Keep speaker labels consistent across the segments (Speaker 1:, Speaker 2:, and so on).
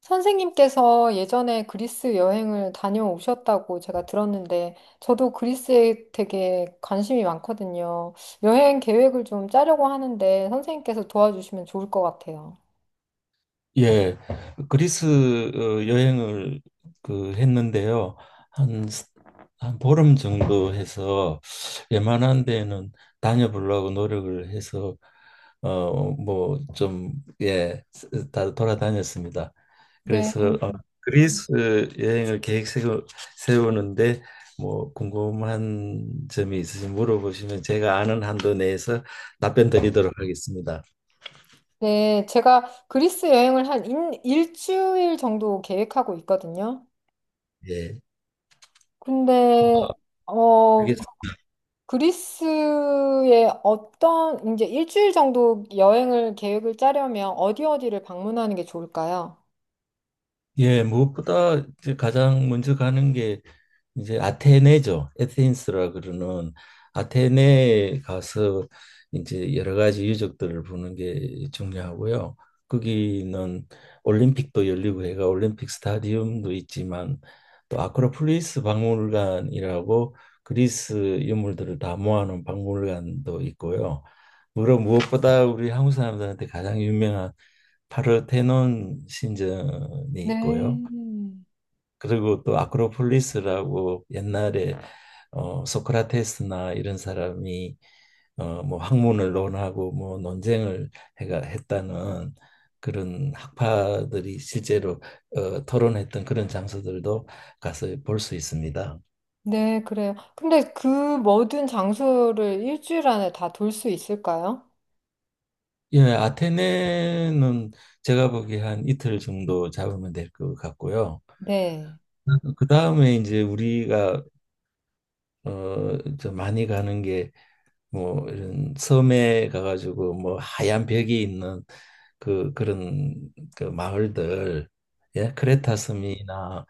Speaker 1: 선생님께서 예전에 그리스 여행을 다녀오셨다고 제가 들었는데, 저도 그리스에 되게 관심이 많거든요. 여행 계획을 좀 짜려고 하는데, 선생님께서 도와주시면 좋을 것 같아요.
Speaker 2: 예, 그리스 여행을 했는데요. 한, 스- 한 보름 정도 해서 웬만한 데는 다녀보려고 노력을 해서 어, 뭐 좀, 예, 다 돌아다녔습니다.
Speaker 1: 네.
Speaker 2: 그래서 그리스 세우는데 뭐 궁금한 점이 있으시면 물어보시면 제가 아는 한도 내에서 답변 드리도록 하겠습니다.
Speaker 1: 네, 제가 그리스 여행을 한 일주일 정도 계획하고 있거든요.
Speaker 2: 예.
Speaker 1: 근데,
Speaker 2: 그게
Speaker 1: 어, 그리스에 어떤, 이제 일주일 정도 여행을 계획을 짜려면 어디 어디를 방문하는 게 좋을까요?
Speaker 2: 예, 무엇보다 이제 가장 먼저 가는 게 이제 아테네죠. 에테인스라 그러는 아테네에 가서 이제 여러 가지 유적들을 보는 게 중요하고요. 거기는 올림픽도 열리고 해가 올림픽 스타디움도 있지만 또 아크로폴리스 박물관이라고 그리스 유물들을 다 모아놓은 박물관도 있고요. 물론 무엇보다 우리 한국 사람들한테 가장 유명한 파르테논 신전이
Speaker 1: 네.
Speaker 2: 있고요. 그리고 또 아크로폴리스라고 옛날에 소크라테스나 이런 사람이 학문을 논하고 뭐 논쟁을 해가 했다는 그런 학파들이 실제로 토론했던 그런 장소들도 가서 볼 수 있습니다.
Speaker 1: 네, 그래요. 근데 그 모든 장소를 일주일 안에 다 돌 수 있을까요?
Speaker 2: 예, 아테네는 제가 보기에 한 이틀 정도 잡으면 될 것 같고요.
Speaker 1: 네.
Speaker 2: 그 다음에 이제 우리가 많이 가는 게 뭐 이런 섬에 가가지고 뭐 하얀 벽이 있는 그 그런 그 마을들, 예, 크레타 섬이나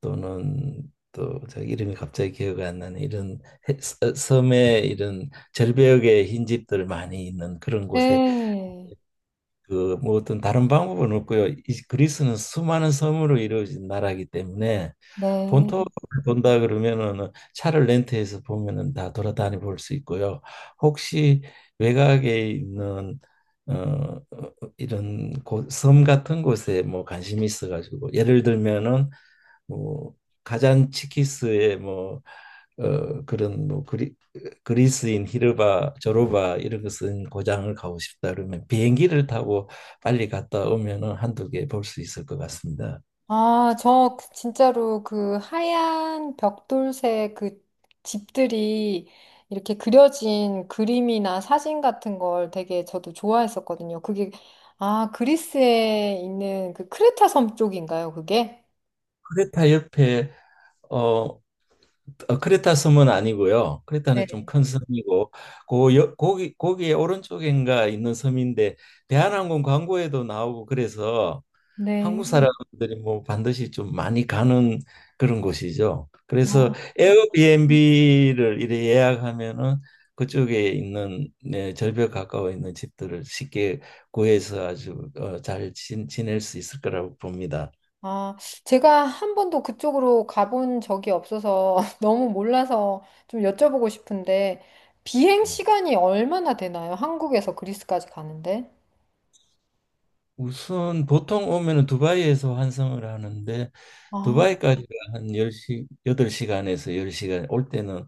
Speaker 2: 또는 또 저 이름이 갑자기 기억이 안 나는 이런 섬의 이런 절벽에 흰 집들 많이 있는 그런 곳에,
Speaker 1: 네.
Speaker 2: 그 뭐 어떤 다른 방법은 없고요. 이 그리스는 수많은 섬으로 이루어진 나라이기 때문에
Speaker 1: 네.
Speaker 2: 본토를 본다 그러면은 차를 렌트해서 보면은 다 돌아다니 볼 수 있고요. 혹시 외곽에 있는 어 이런 곳, 섬 같은 곳에 뭐 관심이 있어가지고 예를 들면은 뭐 가잔치키스의 어, 그런 뭐 그리, 그리스인 히르바 조르바 이런 것은 고장을 가고 싶다 그러면 비행기를 타고 빨리 갔다 오면은 한두 개 볼 수 있을 것 같습니다.
Speaker 1: 아, 저그 진짜로 그 하얀 벽돌색 그 집들이 이렇게 그려진 그림이나 사진 같은 걸 되게 저도 좋아했었거든요. 그게, 아, 그리스에 있는 그 크레타 섬 쪽인가요, 그게?
Speaker 2: 크레타 옆에, 어 크레타 섬은 아니고요. 크레타는 좀
Speaker 1: 네.
Speaker 2: 큰, 음, 섬이고 고 여- 거기 거기에 오른쪽인가 있는 섬인데 대한항공 광고에도 나오고 그래서 한국, 음,
Speaker 1: 네.
Speaker 2: 사람들이 뭐 반드시 좀 많이 가는 그런 곳이죠. 그래서
Speaker 1: 아.
Speaker 2: 에어비앤비를 이래 예약하면은 그쪽에 있는, 네, 절벽 가까워 있는 집들을 쉽게 구해서 아주 잘 지낼 수 있을 거라고 봅니다.
Speaker 1: 아, 제가 한 번도 그쪽으로 가본 적이 없어서 너무 몰라서 좀 여쭤보고 싶은데, 비행 시간이 얼마나 되나요? 한국에서 그리스까지 가는데?
Speaker 2: 우선 보통 오면은 두바이에서 환승을 하는데,
Speaker 1: 아,
Speaker 2: 두바이까지가 한 열시 여 8시간에서 10시간, 올 때는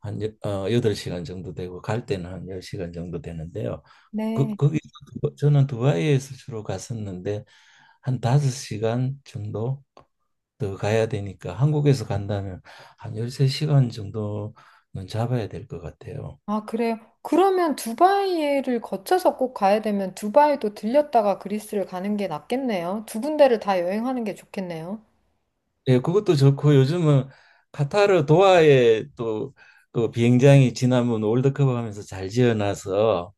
Speaker 2: 8시간 정도 되고 갈 때는 한 10시간 정도 되는데요. 그,
Speaker 1: 네.
Speaker 2: 거기 저는 두바이에서 주로 갔었는데 한 5시간 정도 더 가야 되니까 한국에서 간다면 한 13시간 정도는 잡아야 될 것 같아요.
Speaker 1: 아, 그래요. 그러면 두바이를 거쳐서 꼭 가야 되면 두바이도 들렸다가 그리스를 가는 게 낫겠네요. 두 군데를 다 여행하는 게 좋겠네요.
Speaker 2: 예, 그것도 좋고 요즘은 카타르 도하에, 또 그 비행장이 지난번 월드컵 하면서 잘 지어놔서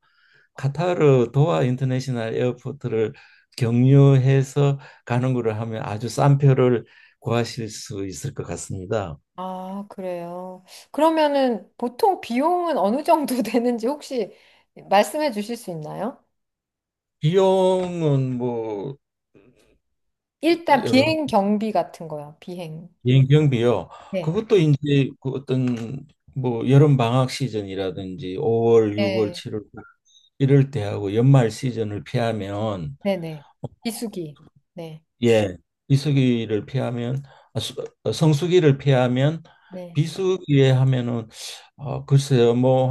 Speaker 2: 카타르 도하 인터내셔널 에어포트를 경유해서 가는 거를 하면 아주 싼 표를 구하실 수 있을 것 같습니다.
Speaker 1: 아, 그래요. 그러면은 보통 비용은 어느 정도 되는지 혹시 말씀해 주실 수 있나요?
Speaker 2: 비용은 뭐
Speaker 1: 일단
Speaker 2: 여러
Speaker 1: 비행 경비 같은 거요. 비행.
Speaker 2: 비행 경비요.
Speaker 1: 네.
Speaker 2: 그것도 이제 그 어떤 뭐 여름 방학 시즌이라든지 5월, 6월,
Speaker 1: 네.
Speaker 2: 7월 이럴 때 하고 연말 시즌을 피하면,
Speaker 1: 네네. 비수기. 네.
Speaker 2: 예, 비수기를 피하면 아, 수- 어, 성수기를 피하면
Speaker 1: 네.
Speaker 2: 비수기에 하면은, 글쎄요, 뭐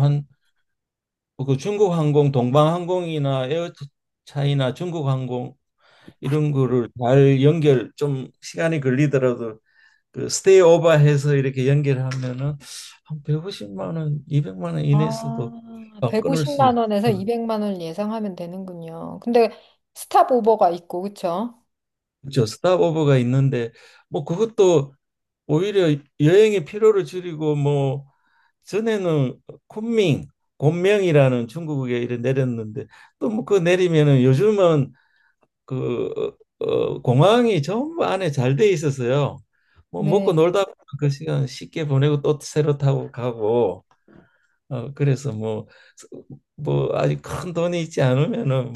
Speaker 2: 뭐 그 중국항공, 동방항공이나 에어차이나 중국항공 이런 거를 잘 연결 좀 시간이 걸리더라도 그 스테이 오버해서 이렇게 연결하면은 한 150만 원, 200만 원 이내에서도
Speaker 1: 아,
Speaker 2: 끊을 수
Speaker 1: 150만
Speaker 2: 있죠.
Speaker 1: 원에서 200만 원을 예상하면 되는군요. 근데 스탑 오버가 있고, 그쵸?
Speaker 2: 그렇죠. 스탑 오버가 있는데 뭐 그것도 오히려 여행의 피로를 줄이고 뭐, 전에는 쿤밍, 곤명이라는 중국에 이래 내렸는데 또 뭐 그 내리면은 요즘은 그 공항이 전부 안에 잘 돼 있어서요. 뭐
Speaker 1: 네.
Speaker 2: 먹고 놀다 보면 그 시간 쉽게 보내고 또 새로 타고 가고, 어, 그래서 뭐 뭐 아직 큰 돈이 있지 않으면은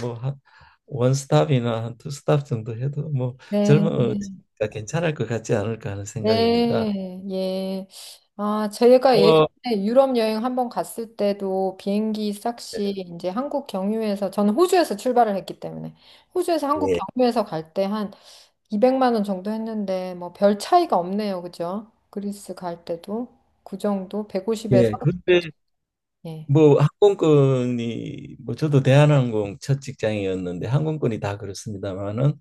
Speaker 2: 뭐한 스탑이나 한 두 스탑 정도 해도 뭐
Speaker 1: 네.
Speaker 2: 젊으니까 괜찮을 것 같지 않을까 하는 생각입니다.
Speaker 1: 네. 예. 아, 저희가 예전에
Speaker 2: 어,
Speaker 1: 유럽 여행 한번 갔을 때도 비행기 싹시 이제 한국 경유해서 저는 호주에서 출발을 했기 때문에 호주에서 한국
Speaker 2: 예.
Speaker 1: 경유해서 갈때한 200만 원 정도 했는데 뭐 별 차이가 없네요. 그죠? 그리스 갈 때도 그 정도 150에서
Speaker 2: 예. 근데
Speaker 1: 예.
Speaker 2: 뭐 항공권이, 뭐 저도 대한항공 첫 직장이었는데 항공권이 다 그렇습니다만은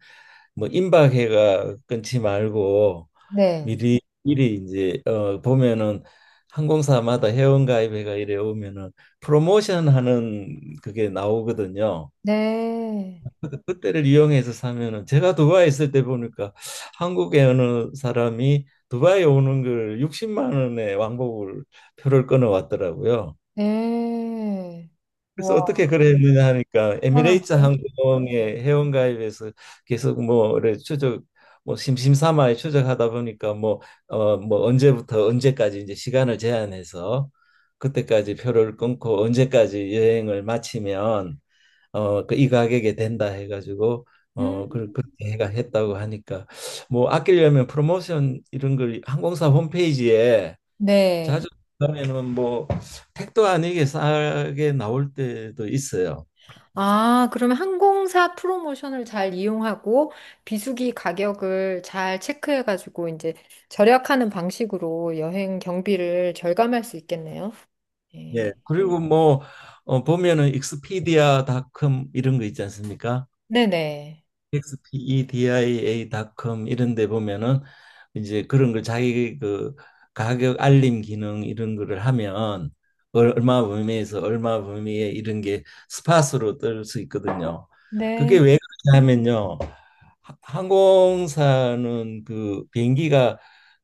Speaker 2: 뭐 임박해가 끊지 말고
Speaker 1: 네.
Speaker 2: 미리 미리 이제 보면은 항공사마다 회원가입회가 이래 오면은 프로모션 하는 그게 나오거든요.
Speaker 1: 네.
Speaker 2: 그때를 이용해서 사면은, 제가 두바이 있을 때 보니까 한국에 어느 사람이 두바이 오는 걸 60만 원에 왕복을 표를 끊어 왔더라고요.
Speaker 1: 네.
Speaker 2: 그래서
Speaker 1: 우와,
Speaker 2: 어떻게 그랬느냐 하니까 에미레이트
Speaker 1: 편한데요?
Speaker 2: 항공의 회원가입에서 계속 뭐래 추적 뭐 심심삼아 추적하다 보니까 뭐 언제부터 언제까지 이제 시간을 제한해서 그때까지 표를 끊고 언제까지 여행을 마치면 그 이 가격에 된다 해가지고
Speaker 1: 음,
Speaker 2: 그렇게 해가 했다고 하니까 뭐 아끼려면 프로모션 이런 걸 항공사 홈페이지에
Speaker 1: 네.
Speaker 2: 자주, 그다는뭐 택도 아니게 싸게 나올 때도 있어요.
Speaker 1: 아, 그러면 항공사 프로모션을 잘 이용하고 비수기 가격을 잘 체크해가지고 이제 절약하는 방식으로 여행 경비를 절감할 수 있겠네요.
Speaker 2: 예.
Speaker 1: 네.
Speaker 2: 그리고 뭐 보면은 익스피디아닷컴 이런 거 있지 않습니까?
Speaker 1: 네네.
Speaker 2: xpedia.com 이런 데 보면은 이제 그런 걸 자기 그 가격 알림 기능 이런 거를 하면 얼마 범위에서 얼마 범위에 이런 게 스팟으로 뜰 수 있거든요. 그게
Speaker 1: 네.
Speaker 2: 왜 그러냐면요. 항공사는 그 비행기가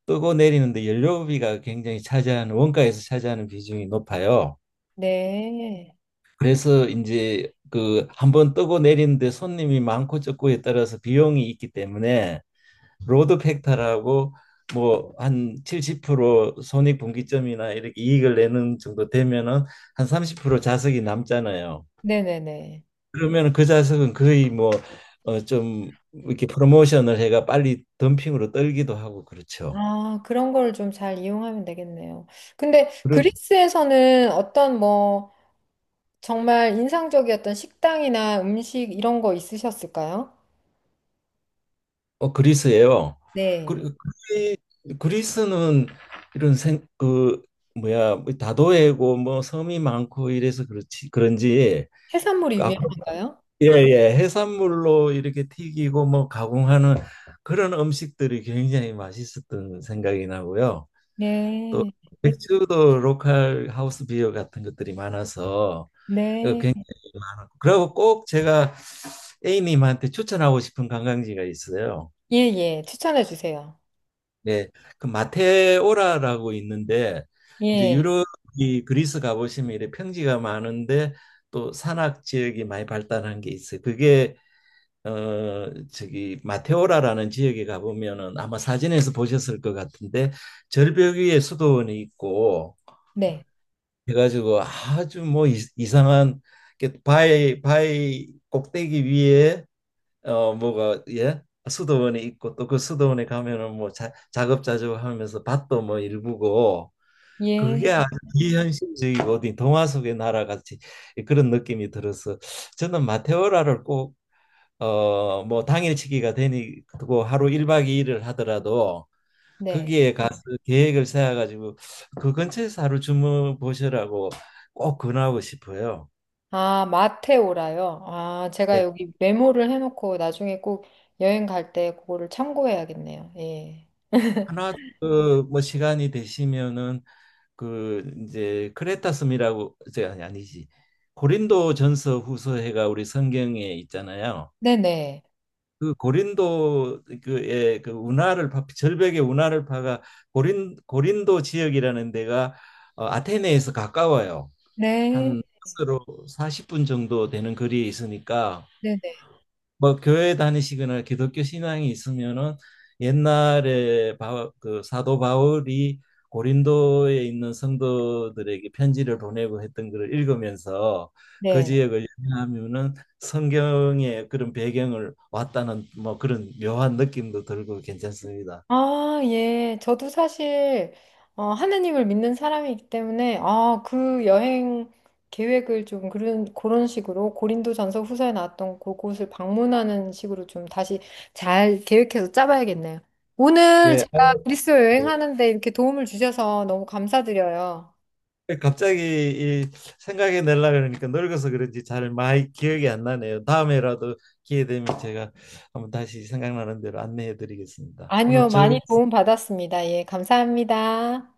Speaker 2: 뜨고 내리는데 연료비가 굉장히 차지하는, 원가에서 차지하는 비중이 높아요.
Speaker 1: 네.
Speaker 2: 그래서 이제 그 한번 뜨고 내리는데 손님이 많고 적고에 따라서 비용이 있기 때문에 로드 팩터라고 뭐 한 70% 손익 분기점이나 이렇게 이익을 내는 정도 되면은 한 30% 자석이 남잖아요.
Speaker 1: 네네네.
Speaker 2: 그러면 그 자석은 거의 뭐 좀 이렇게 프로모션을 해가 빨리 덤핑으로 떨기도 하고 그렇죠.
Speaker 1: 아, 그런 걸 좀 잘 이용하면 되겠네요. 근데
Speaker 2: 그리,
Speaker 1: 그리스에서는 어떤 뭐 정말 인상적이었던 식당이나 음식 이런 거 있으셨을까요?
Speaker 2: 그리스예요. 그리,
Speaker 1: 네.
Speaker 2: 그리- 그리스는 이런 생, 그 뭐야 뭐 다도해고 뭐 섬이 많고 이래서 그렇지 그런지,
Speaker 1: 해산물이
Speaker 2: 아,
Speaker 1: 유명한가요?
Speaker 2: 예, 예, 해산물로 이렇게 튀기고 뭐 가공하는 그런 음식들이 굉장히 맛있었던 생각이 나고요. 또
Speaker 1: 네.
Speaker 2: 맥주도 로컬 하우스 비어 같은 것들이 많아서 어,
Speaker 1: 네.
Speaker 2: 굉- 그리고 꼭 제가 A님한테 추천하고 싶은 관광지가 있어요.
Speaker 1: 예, 예. 추천해 주세요.
Speaker 2: 네, 그 마테오라라고 있는데 이제
Speaker 1: 예.
Speaker 2: 유럽이 그리스 가보시면 이렇 평지가 많은데 또 산악 지역이 많이 발달한 게 있어요. 그게 저기 마테오라라는 지역에 가보면은 아마 사진에서 보셨을 것 같은데 절벽 위에 수도원이 있고
Speaker 1: 네.
Speaker 2: 해가지고 아주 이상한 게 바위 꼭대기 위에 어 뭐가 예 수도원이 있고, 또 그 수도원에 가면은 뭐 작업자족하면서 밭도 뭐 일구고, 그게
Speaker 1: 예.
Speaker 2: 아주 비현실적이고 어디 동화 속의 나라 같이 그런 느낌이 들어서 저는 마테오라를 꼭, 당일치기가 되고 하루 1박 2일을 하더라도
Speaker 1: 네.
Speaker 2: 거기에 가서, 음, 계획을 세워 가지고 그 근처에서 하루 주무 보시라고 꼭 권하고 싶어요.
Speaker 1: 아, 마테오라요. 아, 제가
Speaker 2: 예.
Speaker 1: 여기 메모를 해놓고 나중에 꼭 여행 갈 때 그거를 참고해야겠네요. 예.
Speaker 2: 하나 그뭐 시간이 되시면은 그 이제 크레타 섬이라고 이제 아니 아니지 고린도 전서 후서해가 우리 성경에 있잖아요.
Speaker 1: 네네.
Speaker 2: 그 고린도 그의 그 운하를 파, 절벽의 운하를 파가 고린도 지역이라는 데가, 아테네에서 가까워요.
Speaker 1: 네.
Speaker 2: 한 버스로 40분 정도 되는 거리에 있으니까
Speaker 1: 네네.
Speaker 2: 뭐 교회 다니시거나 기독교 신앙이 있으면은 옛날에 그 사도 바울이 고린도에 있는 성도들에게 편지를 보내고 했던 것을 읽으면서 그
Speaker 1: 네.
Speaker 2: 지역을 여행하면은 성경의 그런 배경을 왔다는 뭐 그런 묘한 느낌도 들고 괜찮습니다.
Speaker 1: 아, 예. 저도 사실, 하느님을 믿는 사람이기 때문에, 아, 그 여행 계획을 좀 그런 식으로 고린도전서 후서에 나왔던 그곳을 방문하는 식으로 좀 다시 잘 계획해서 짜봐야겠네요. 오늘
Speaker 2: 예,
Speaker 1: 제가
Speaker 2: 아이고,
Speaker 1: 그리스
Speaker 2: 네.
Speaker 1: 여행하는데 이렇게 도움을 주셔서 너무 감사드려요.
Speaker 2: 갑자기 이 생각이 날라 그러니까 늙어서 그런지 잘 많이 기억이 안 나네요. 다음에라도 기회 되면 제가 한번 다시 생각나는 대로 안내해 드리겠습니다. 오늘
Speaker 1: 아니요, 많이 도움
Speaker 2: 즐거웠습니다.
Speaker 1: 받았습니다. 예, 감사합니다.